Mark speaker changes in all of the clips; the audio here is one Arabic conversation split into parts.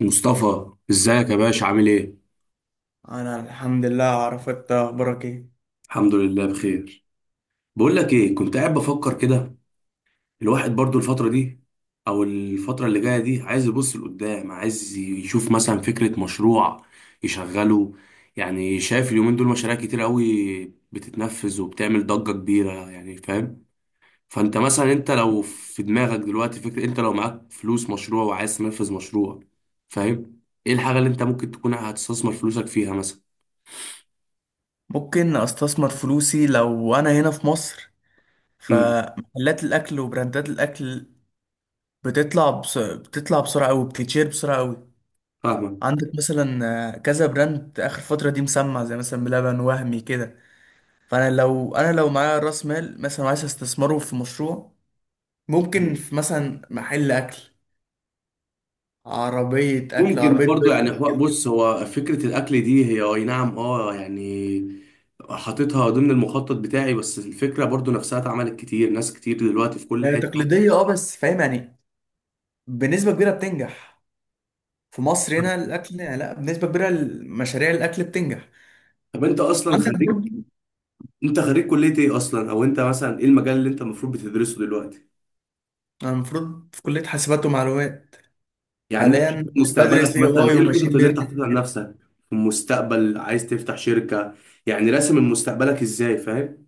Speaker 1: مصطفى، ازيك يا باشا؟ عامل ايه؟
Speaker 2: انا الحمد لله. اعرف انت اخبارك ايه؟
Speaker 1: الحمد لله بخير. بقول لك ايه، كنت قاعد بفكر كده. الواحد برضو الفتره دي او الفتره اللي جايه دي عايز يبص لقدام، عايز يشوف مثلا فكره مشروع يشغله. يعني شايف اليومين دول مشاريع كتير قوي بتتنفذ وبتعمل ضجه كبيره، يعني فاهم؟ فانت مثلا انت لو في دماغك دلوقتي فكره، انت لو معاك فلوس مشروع وعايز تنفذ مشروع، فاهم؟ ايه الحاجه اللي انت ممكن تكون هتستثمر فلوسك فيها مثلا؟
Speaker 2: ممكن استثمر فلوسي لو انا هنا في مصر،
Speaker 1: امم.
Speaker 2: فمحلات الاكل وبراندات الاكل بتطلع بسرعه قوي، بتتشير بسرعه قوي.
Speaker 1: فاهمك.
Speaker 2: عندك مثلا كذا براند اخر فتره دي مسمع، زي مثلا بلبن وهمي كده. فانا لو معايا راس مال مثلا عايز استثمره في مشروع، ممكن في مثلا محل اكل، عربيه اكل،
Speaker 1: ممكن
Speaker 2: عربيه
Speaker 1: برضو، يعني
Speaker 2: برجر كده.
Speaker 1: بص، هو فكرة الأكل دي هي أي نعم، يعني حاططها ضمن المخطط بتاعي، بس الفكرة برضو نفسها اتعملت كتير، ناس كتير دلوقتي في كل
Speaker 2: يعني
Speaker 1: حتة.
Speaker 2: تقليديه، اه، بس فاهم يعني، بنسبه كبيره بتنجح. في مصر هنا الاكل، لا، بنسبه كبيره مشاريع الاكل بتنجح.
Speaker 1: طب أنت أصلا
Speaker 2: عندك
Speaker 1: خريج؟
Speaker 2: برضه.
Speaker 1: أنت خريج كلية إيه أصلا؟ أو أنت مثلا إيه المجال اللي أنت المفروض بتدرسه دلوقتي؟
Speaker 2: انا المفروض في كليه حاسبات ومعلومات.
Speaker 1: يعني أنت شايف
Speaker 2: حاليا بدرس
Speaker 1: مستقبلك
Speaker 2: اي
Speaker 1: مثلا،
Speaker 2: اي
Speaker 1: إيه
Speaker 2: وماشين
Speaker 1: الخطط اللي أنت
Speaker 2: ليرنينج. ان
Speaker 1: حاططها لنفسك؟ في المستقبل عايز تفتح شركة؟ يعني راسم مستقبلك إزاي، فاهم؟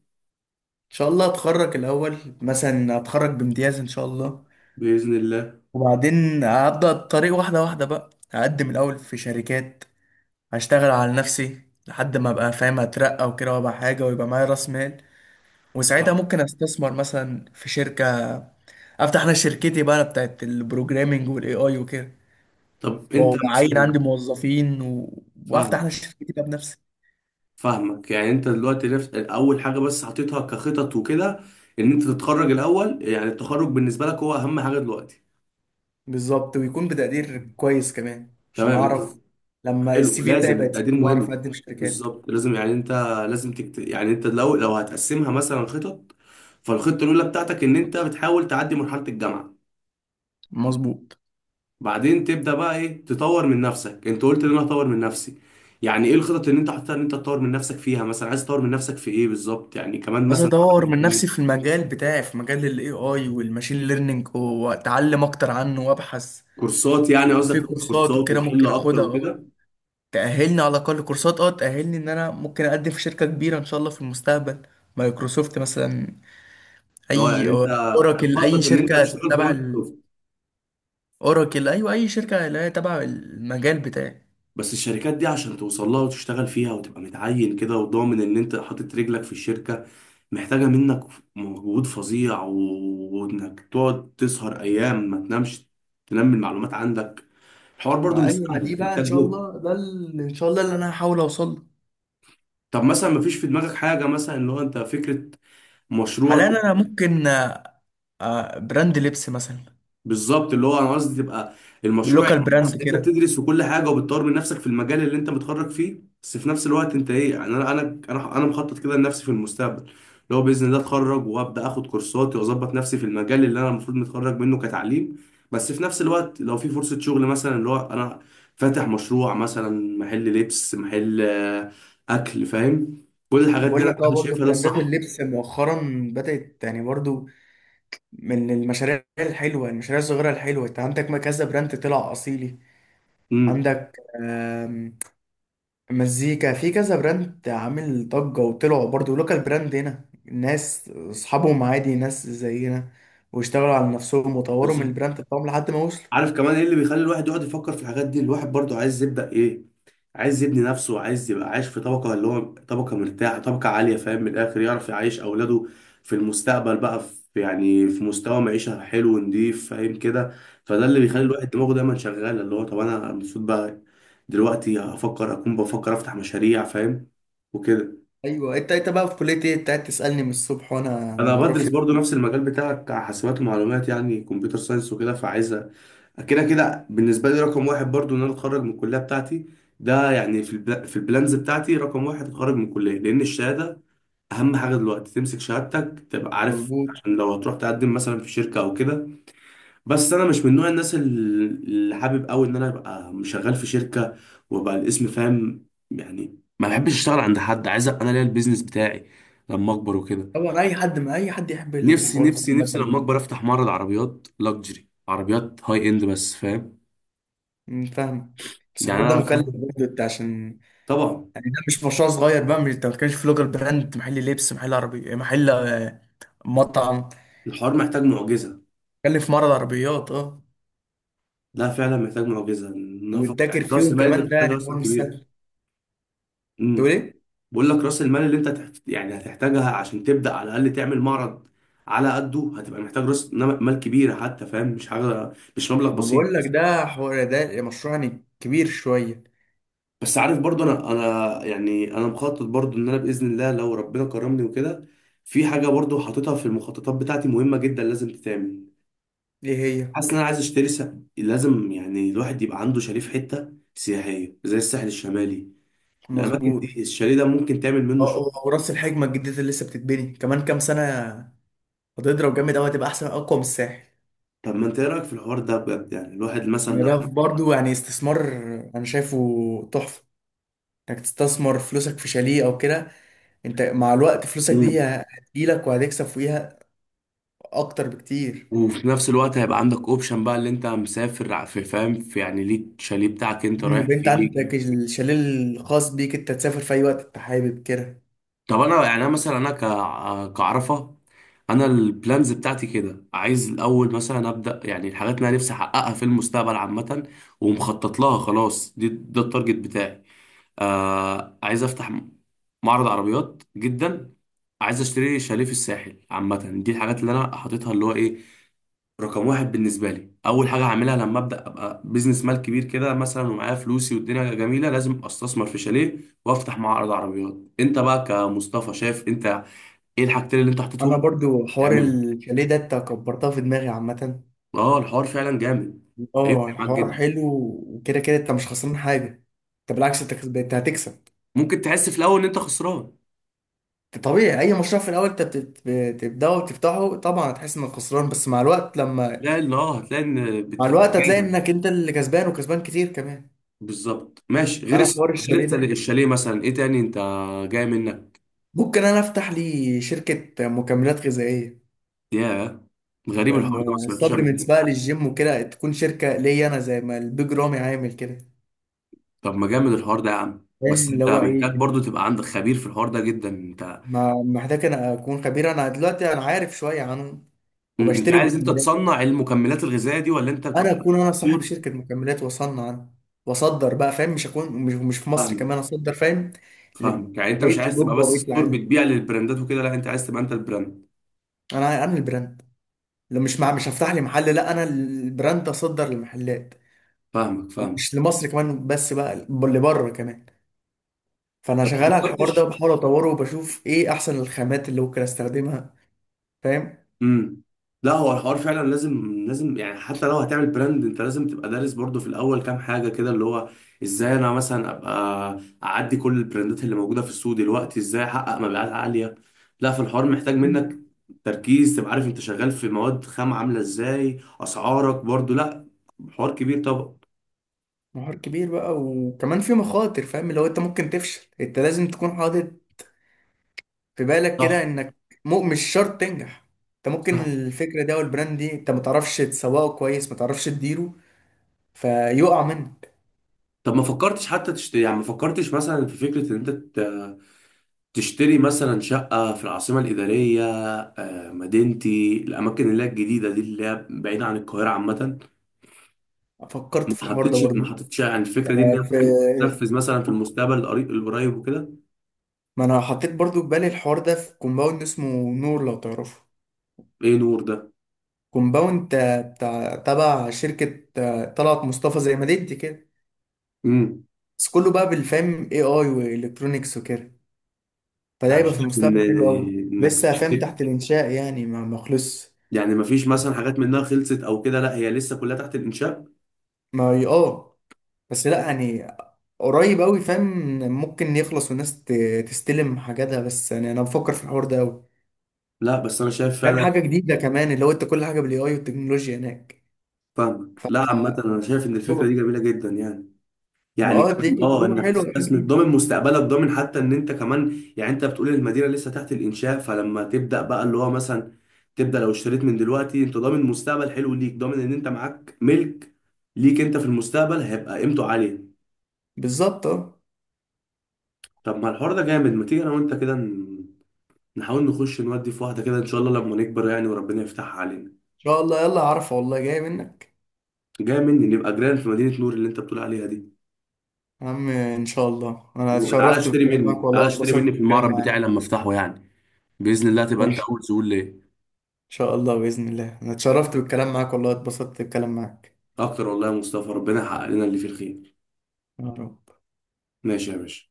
Speaker 2: شاء الله اتخرج الاول، مثلا اتخرج بامتياز ان شاء الله،
Speaker 1: بإذن الله.
Speaker 2: وبعدين هبدا الطريق واحده واحده بقى. هقدم الاول في شركات، هشتغل على نفسي لحد ما ابقى فاهم، اترقى وكده، وابقى حاجه ويبقى معايا راس مال، وساعتها
Speaker 1: صح.
Speaker 2: ممكن استثمر مثلا في شركه، افتح انا شركتي بقى بتاعت البروجرامينج والاي اي وكده،
Speaker 1: طب أنت
Speaker 2: وعين عندي
Speaker 1: مثلا.
Speaker 2: موظفين و...
Speaker 1: فاهم؟
Speaker 2: وافتح انا شركتي بقى بنفسي.
Speaker 1: فاهمك، يعني انت دلوقتي رفت اول حاجه بس حطيتها كخطط وكده، ان انت تتخرج الاول. يعني التخرج بالنسبه لك هو اهم حاجه دلوقتي.
Speaker 2: بالظبط، ويكون بتقدير كويس كمان عشان
Speaker 1: تمام، انت.
Speaker 2: اعرف لما
Speaker 1: حلو،
Speaker 2: السي في بتاعي
Speaker 1: لازم
Speaker 2: بقى
Speaker 1: التقدير
Speaker 2: تقيل، واعرف
Speaker 1: مهم.
Speaker 2: اقدم شركات.
Speaker 1: بالظبط، لازم، يعني انت يعني انت لو هتقسمها مثلا خطط. فالخطه الاولى بتاعتك ان انت بتحاول تعدي مرحله الجامعه.
Speaker 2: مظبوط.
Speaker 1: بعدين تبدا بقى ايه، تطور من نفسك. انت قلت ان انا هطور من نفسي، يعني ايه الخطط اللي انت حاططها ان انت تطور من نفسك فيها؟ مثلا عايز تطور من نفسك في ايه بالظبط؟ يعني كمان
Speaker 2: عايز
Speaker 1: مثلا.
Speaker 2: اطور من نفسي في المجال بتاعي، في مجال الاي اي والماشين ليرنينج، واتعلم اكتر عنه وابحث.
Speaker 1: كورسات؟ يعني قصدك
Speaker 2: في
Speaker 1: تاخد
Speaker 2: كورسات
Speaker 1: كورسات
Speaker 2: وكده
Speaker 1: وتحل
Speaker 2: ممكن
Speaker 1: اكتر
Speaker 2: اخدها، اه،
Speaker 1: وكده؟
Speaker 2: تأهلني على الاقل. كورسات، اه، تأهلني ان انا ممكن اقدم في شركة كبيرة ان شاء الله في المستقبل. مايكروسوفت مثلا،
Speaker 1: ده هو، يعني
Speaker 2: اي
Speaker 1: انت
Speaker 2: آه، اوراكل، اي
Speaker 1: مخطط ان انت
Speaker 2: شركة
Speaker 1: هتشتغل في
Speaker 2: تبع.
Speaker 1: مايكروسوفت؟
Speaker 2: اوراكل، ايوه، اي شركه اللي هي تبع المجال بتاعي.
Speaker 1: بس الشركات دي عشان توصل لها وتشتغل فيها وتبقى متعين كده وضامن ان انت حاطط رجلك في الشركة، محتاجة منك مجهود فظيع وانك تقعد تسهر ايام ما تنامش، تنمي المعلومات عندك. الحوار برضو
Speaker 2: ما، اه،
Speaker 1: مش
Speaker 2: ايوه، ما
Speaker 1: سهل،
Speaker 2: دي بقى ان
Speaker 1: محتاج
Speaker 2: شاء
Speaker 1: جهد.
Speaker 2: الله، ان شاء الله اللي انا هحاول اوصل له.
Speaker 1: طب مثلا ما فيش في دماغك حاجة مثلا اللي هو انت فكرة مشروع؟
Speaker 2: حاليا انا ممكن، براند لبس مثلا،
Speaker 1: بالظبط، اللي هو انا قصدي تبقى المشروع،
Speaker 2: باللوكال
Speaker 1: يبقى
Speaker 2: براند
Speaker 1: أصل انت
Speaker 2: كده.
Speaker 1: بتدرس وكل حاجه وبتطور من نفسك في المجال اللي انت متخرج فيه، بس في نفس الوقت انت ايه؟ يعني انا، أنا مخطط كده لنفسي في المستقبل، اللي هو باذن الله اتخرج وابدا اخد كورساتي واظبط نفسي في المجال اللي انا المفروض متخرج منه كتعليم، بس في نفس الوقت لو في فرصه شغل مثلا، اللي هو انا فاتح مشروع، مثلا محل لبس، محل اكل، فاهم؟ كل الحاجات دي
Speaker 2: بقول
Speaker 1: انا
Speaker 2: لك، اه،
Speaker 1: أنا
Speaker 2: برضه
Speaker 1: شايفها ده
Speaker 2: براندات
Speaker 1: الصح.
Speaker 2: اللبس مؤخرا بدأت يعني برضه من المشاريع الحلوة، المشاريع الصغيرة الحلوة. انت عندك ما كذا براند طلع أصيلي.
Speaker 1: امم.
Speaker 2: عندك مزيكا، في كذا براند عامل ضجة وطلعوا برضو لوكال براند هنا، ناس أصحابهم عادي، ناس زينا، واشتغلوا على نفسهم وطوروا من البراند بتاعهم لحد ما وصلوا.
Speaker 1: عارف كمان ايه اللي بيخلي الواحد يقعد يفكر في الحاجات دي؟ الواحد برضو عايز يبدأ، ايه، عايز يبني نفسه، عايز يبقى عايش في طبقة، اللي هو طبقة مرتاحة، طبقة عالية، فاهم؟ من الآخر يعرف يعيش أولاده في المستقبل بقى في مستوى معيشة حلو ونضيف، فاهم كده؟ فده اللي بيخلي
Speaker 2: مم.
Speaker 1: الواحد دماغه دايما شغالة، اللي هو طب أنا المفروض بقى دلوقتي أكون بفكر أفتح مشاريع، فاهم؟ وكده.
Speaker 2: أيوة. أنت بقى في كلية إيه؟ أنت قاعد تسألني من الصبح وأنا
Speaker 1: أنا
Speaker 2: معرفش
Speaker 1: بدرس
Speaker 2: إنت في
Speaker 1: برضو
Speaker 2: كلية
Speaker 1: نفس
Speaker 2: إيه.
Speaker 1: المجال بتاعك، حاسبات ومعلومات، يعني كمبيوتر ساينس وكده، فعايز كده كده. بالنسبة لي رقم واحد برضو إن أنا أتخرج من الكلية بتاعتي. ده يعني في البلانز بتاعتي رقم واحد أتخرج من الكلية، لأن الشهادة أهم حاجة دلوقتي، تمسك شهادتك تبقى عارف،
Speaker 2: مظبوط.
Speaker 1: عشان لو هتروح تقدم مثلا في شركة أو كده. بس أنا مش من نوع الناس اللي حابب أوي إن أنا أبقى شغال في شركة وأبقى الاسم، فاهم؟ يعني ما بحبش أشتغل عند حد، عايز أبقى أنا ليا البيزنس بتاعي لما أكبر وكده.
Speaker 2: طبعا أي حد، ما أي حد يحب
Speaker 1: نفسي
Speaker 2: الحوار ده
Speaker 1: نفسي نفسي لما
Speaker 2: عامة.
Speaker 1: أكبر أفتح معرض عربيات لاكجري، عربيات هاي إند بس، فاهم؟
Speaker 2: فاهمك، بس
Speaker 1: يعني
Speaker 2: الحوار ده مكلف
Speaker 1: أنا.
Speaker 2: برضه. أنت عشان
Speaker 1: طبعا.
Speaker 2: يعني ده مش مشروع صغير بقى. مش أنت ما بتتكلمش في لوكال براند، محل لبس، محل عربي، محل مطعم،
Speaker 1: الحوار محتاج معجزه.
Speaker 2: بتتكلم في معرض عربيات، أه،
Speaker 1: لا فعلا محتاج معجزه. نفق، يعني
Speaker 2: وتذاكر
Speaker 1: راس
Speaker 2: فيهم
Speaker 1: المال،
Speaker 2: كمان.
Speaker 1: انت
Speaker 2: ده
Speaker 1: تحتاج
Speaker 2: يعني
Speaker 1: راس
Speaker 2: حوار
Speaker 1: مال
Speaker 2: مش
Speaker 1: كبيره.
Speaker 2: سهل. تقول
Speaker 1: امم.
Speaker 2: ايه؟
Speaker 1: بقول لك راس المال اللي انت يعني هتحتاجها عشان تبدا على الاقل تعمل معرض، على قده هتبقى محتاج راس مال كبيره حتى، فاهم؟ مش حاجه، مش مبلغ
Speaker 2: ما
Speaker 1: بسيط.
Speaker 2: بقول لك ده حوار، ده مشروع يعني كبير شويه.
Speaker 1: بس عارف برضو، انا يعني انا مخطط برضو ان انا باذن الله لو ربنا كرمني وكده، في حاجه برضو حاططها في المخططات بتاعتي مهمه جدا لازم تتعمل.
Speaker 2: ايه هي؟
Speaker 1: حاسس ان انا عايز اشتري. لازم يعني الواحد يبقى عنده شاليه في حته سياحيه زي الساحل الشمالي. الاماكن
Speaker 2: مظبوط.
Speaker 1: دي، الشاليه ده ممكن تعمل منه
Speaker 2: اه،
Speaker 1: شغل.
Speaker 2: اه، وراس الحكمه الجديده اللي لسه بتتبني كمان كام سنه هتضرب جامد قوي، هتبقى احسن، اقوى من الساحل.
Speaker 1: طب ما انت ايه رايك في الحوار ده بجد؟ يعني الواحد مثلا
Speaker 2: ما ده
Speaker 1: لو.
Speaker 2: برضو يعني استثمار، انا شايفه تحفه انك تستثمر فلوسك في شاليه او كده. انت مع الوقت فلوسك دي
Speaker 1: مم.
Speaker 2: هتجيلك وهتكسب فيها اكتر بكتير.
Speaker 1: وفي نفس الوقت هيبقى عندك اوبشن بقى، اللي انت مسافر في، فاهم؟ في، يعني ليك شاليه بتاعك انت رايح
Speaker 2: يبقى انت
Speaker 1: فيه.
Speaker 2: عندك الشاليه الخاص بيك، انت تسافر في اي وقت انت حابب كده.
Speaker 1: طب انا، يعني انا مثلا انا كعرفه، انا البلانز بتاعتي كده عايز الاول مثلا ابدا، يعني الحاجات اللي انا نفسي احققها في المستقبل عامه ومخطط لها خلاص، دي ده التارجت بتاعي. عايز افتح معرض عربيات جدا، عايز اشتري شاليه في الساحل عامه. دي الحاجات اللي انا حاططها، اللي هو ايه، رقم واحد بالنسبه لي، اول حاجه هعملها لما ابدا ابقى بزنس مال كبير كده مثلا، ومعايا فلوسي والدنيا جميله، لازم استثمر في شاليه وافتح معرض عربيات. انت بقى كمصطفى شايف انت ايه الحاجتين اللي انت
Speaker 2: انا
Speaker 1: حطيتهم
Speaker 2: برضو حوار
Speaker 1: تعمله؟
Speaker 2: الشاليه ده انت كبرتها في دماغي عامه.
Speaker 1: اه، الحوار فعلا جامد، هيفرق
Speaker 2: اه
Speaker 1: معاك
Speaker 2: الحوار
Speaker 1: جدا.
Speaker 2: حلو، وكده كده انت مش خسران حاجه، انت بالعكس، انت هتكسب.
Speaker 1: ممكن تحس في الاول ان انت خسران.
Speaker 2: طبيعي، اي مشروع في الاول انت بتبداه وتفتحه، طبعا هتحس انك خسران، بس مع الوقت لما،
Speaker 1: لا، لا، هتلاقي ان
Speaker 2: مع الوقت هتلاقي
Speaker 1: بتجازف.
Speaker 2: انك انت اللي كسبان، وكسبان كتير كمان.
Speaker 1: بالظبط، ماشي. غير
Speaker 2: انا في حوار الشاليه ده
Speaker 1: الشاليه مثلا، ايه تاني انت جاي منك؟
Speaker 2: ممكن انا افتح لي شركه مكملات غذائيه،
Speaker 1: ياه، غريب الحوار ده، ما سمعتوش قبل
Speaker 2: سبلمنتس
Speaker 1: كده.
Speaker 2: بقى للجيم وكده، تكون شركه ليا انا زي ما البيج رامي عامل كده.
Speaker 1: طب ما جامد الحوار ده يا عم، بس
Speaker 2: فاهم اللي
Speaker 1: انت
Speaker 2: هو
Speaker 1: محتاج
Speaker 2: ايه؟
Speaker 1: برضو تبقى عندك خبير في الحوار ده جدا. انت
Speaker 2: ما محتاج انا اكون خبير، انا دلوقتي انا عارف شويه عنهم
Speaker 1: انت
Speaker 2: وبشتري
Speaker 1: عايز انت
Speaker 2: مكملات.
Speaker 1: تصنع المكملات الغذائيه دي، ولا انت
Speaker 2: انا
Speaker 1: بتبقى
Speaker 2: اكون انا صاحب
Speaker 1: دكتور؟
Speaker 2: شركه مكملات واصنع انا واصدر بقى، فاهم، مش اكون مش, مش في مصر
Speaker 1: فاهمك.
Speaker 2: كمان، اصدر فاهم،
Speaker 1: فاهمك، يعني انت مش
Speaker 2: لبقيه
Speaker 1: عايز تبقى
Speaker 2: اوروبا
Speaker 1: بس
Speaker 2: وبقيه
Speaker 1: ستور
Speaker 2: العالم.
Speaker 1: بتبيع للبراندات وكده، لا انت عايز تبقى انت البراند.
Speaker 2: انا البراند. لو مش مع، مش هفتح لي محل، لا انا البراند اصدر لمحلات،
Speaker 1: فاهمك، فاهمك.
Speaker 2: مش لمصر كمان بس بقى، لبره كمان. فانا
Speaker 1: طب ما
Speaker 2: شغال على الحوار ده،
Speaker 1: فكرتش؟
Speaker 2: وبحاول اطوره، وبشوف ايه احسن الخامات اللي ممكن استخدمها، فاهم.
Speaker 1: امم. لا، هو الحوار فعلا لازم، لازم، يعني حتى لو هتعمل براند انت لازم تبقى دارس برضو في الاول كام حاجه كده، اللي هو ازاي انا مثلا ابقى اعدي كل البراندات اللي موجوده في السوق دلوقتي؟ ازاي احقق مبيعات عاليه؟ لا، في الحوار محتاج منك تركيز، تبقى عارف انت شغال في مواد خام عامله ازاي، اسعارك برضو، لا، حوار كبير طبعا.
Speaker 2: نهار كبير بقى، وكمان في مخاطر، فاهم اللي هو انت ممكن تفشل، انت لازم تكون حاطط في بالك كده
Speaker 1: صح.
Speaker 2: انك، مو مش شرط تنجح. انت ممكن
Speaker 1: صح.
Speaker 2: الفكرة دي او البراند دي انت ما تعرفش تسوقه كويس، ما تعرفش تديره، فيقع منك.
Speaker 1: طب ما فكرتش حتى تشتري، يعني ما فكرتش مثلا في فكرة ان انت تشتري مثلا شقة في العاصمة الإدارية، مدينتي، الأماكن اللي هي الجديدة دي اللي هي بعيدة عن القاهرة عامة؟
Speaker 2: فكرت
Speaker 1: ما
Speaker 2: في الحوار ده
Speaker 1: حطيتش، ما
Speaker 2: برضو،
Speaker 1: حطيتش يعني الفكرة دي ان هي
Speaker 2: في.
Speaker 1: ممكن تنفذ مثلا في المستقبل القريب القريب وكده؟
Speaker 2: ما انا حطيت برضو في بالي الحوار ده، في كومباوند اسمه نور، لو تعرفه.
Speaker 1: ايه نور ده؟
Speaker 2: كومباوند، بتاع تبع شركة، طلعت مصطفى، زي ما ديت كده.
Speaker 1: امم.
Speaker 2: بس كله بقى بالفهم، اي اي والكترونيكس وكده. فده هيبقى في
Speaker 1: شايف ان
Speaker 2: المستقبل حلو قوي.
Speaker 1: انك
Speaker 2: لسه فاهم
Speaker 1: تشتري.
Speaker 2: تحت الانشاء يعني، ما خلصش.
Speaker 1: يعني ما فيش مثلا حاجات منها خلصت او كده، لا هي لسه كلها تحت الانشاء؟
Speaker 2: ما هي- اه، بس لا يعني قريب قوي، فاهم. ممكن يخلص والناس تستلم حاجاتها، بس يعني انا بفكر في الحوار ده قوي،
Speaker 1: لا بس انا شايف
Speaker 2: فاهم.
Speaker 1: فعلا.
Speaker 2: حاجه جديده كمان، اللي هو انت كل حاجه بالاي اي والتكنولوجيا هناك،
Speaker 1: فاهمك، لا عامة انا شايف ان الفكرة دي
Speaker 2: تجربة.
Speaker 1: جميلة جدا يعني.
Speaker 2: ما
Speaker 1: يعني
Speaker 2: اه، دي
Speaker 1: كمان
Speaker 2: تجربه
Speaker 1: انك
Speaker 2: حلوه، حاجه
Speaker 1: تستثمر،
Speaker 2: جديده.
Speaker 1: ضامن مستقبلك، ضامن حتى ان انت كمان، يعني انت بتقول المدينه لسه تحت الانشاء، فلما تبدا بقى اللي هو مثلا تبدا، لو اشتريت من دلوقتي انت ضامن مستقبل حلو ليك، ضامن ان انت معاك ملك ليك انت في المستقبل هيبقى قيمته عاليه.
Speaker 2: بالظبط، اه، ان
Speaker 1: طب ما الحوار ده جامد، ما تيجي انا وانت كده نحاول نخش نودي في واحده كده ان شاء الله لما نكبر يعني، وربنا يفتحها علينا.
Speaker 2: شاء الله. يلا، عارفه والله جاي منك.
Speaker 1: جاي مني، نبقى جيران في مدينه نور اللي انت بتقول عليها دي.
Speaker 2: يا عم ان شاء الله، انا
Speaker 1: وتعالى
Speaker 2: اتشرفت
Speaker 1: اشتري
Speaker 2: بالكلام معاك
Speaker 1: مني،
Speaker 2: والله،
Speaker 1: تعالى اشتري
Speaker 2: واتبسطت
Speaker 1: مني في
Speaker 2: بالكلام
Speaker 1: المعرض بتاعي
Speaker 2: معاك.
Speaker 1: لما افتحه يعني، باذن الله تبقى انت
Speaker 2: ماشي.
Speaker 1: اول زبون ليه.
Speaker 2: شاء الله، بإذن الله، أنا اتشرفت بالكلام معاك والله، اتبسطت بالكلام معاك.
Speaker 1: اكتر والله يا مصطفى، ربنا يحقق لنا اللي فيه الخير.
Speaker 2: يا رب.
Speaker 1: ماشي يا باشا.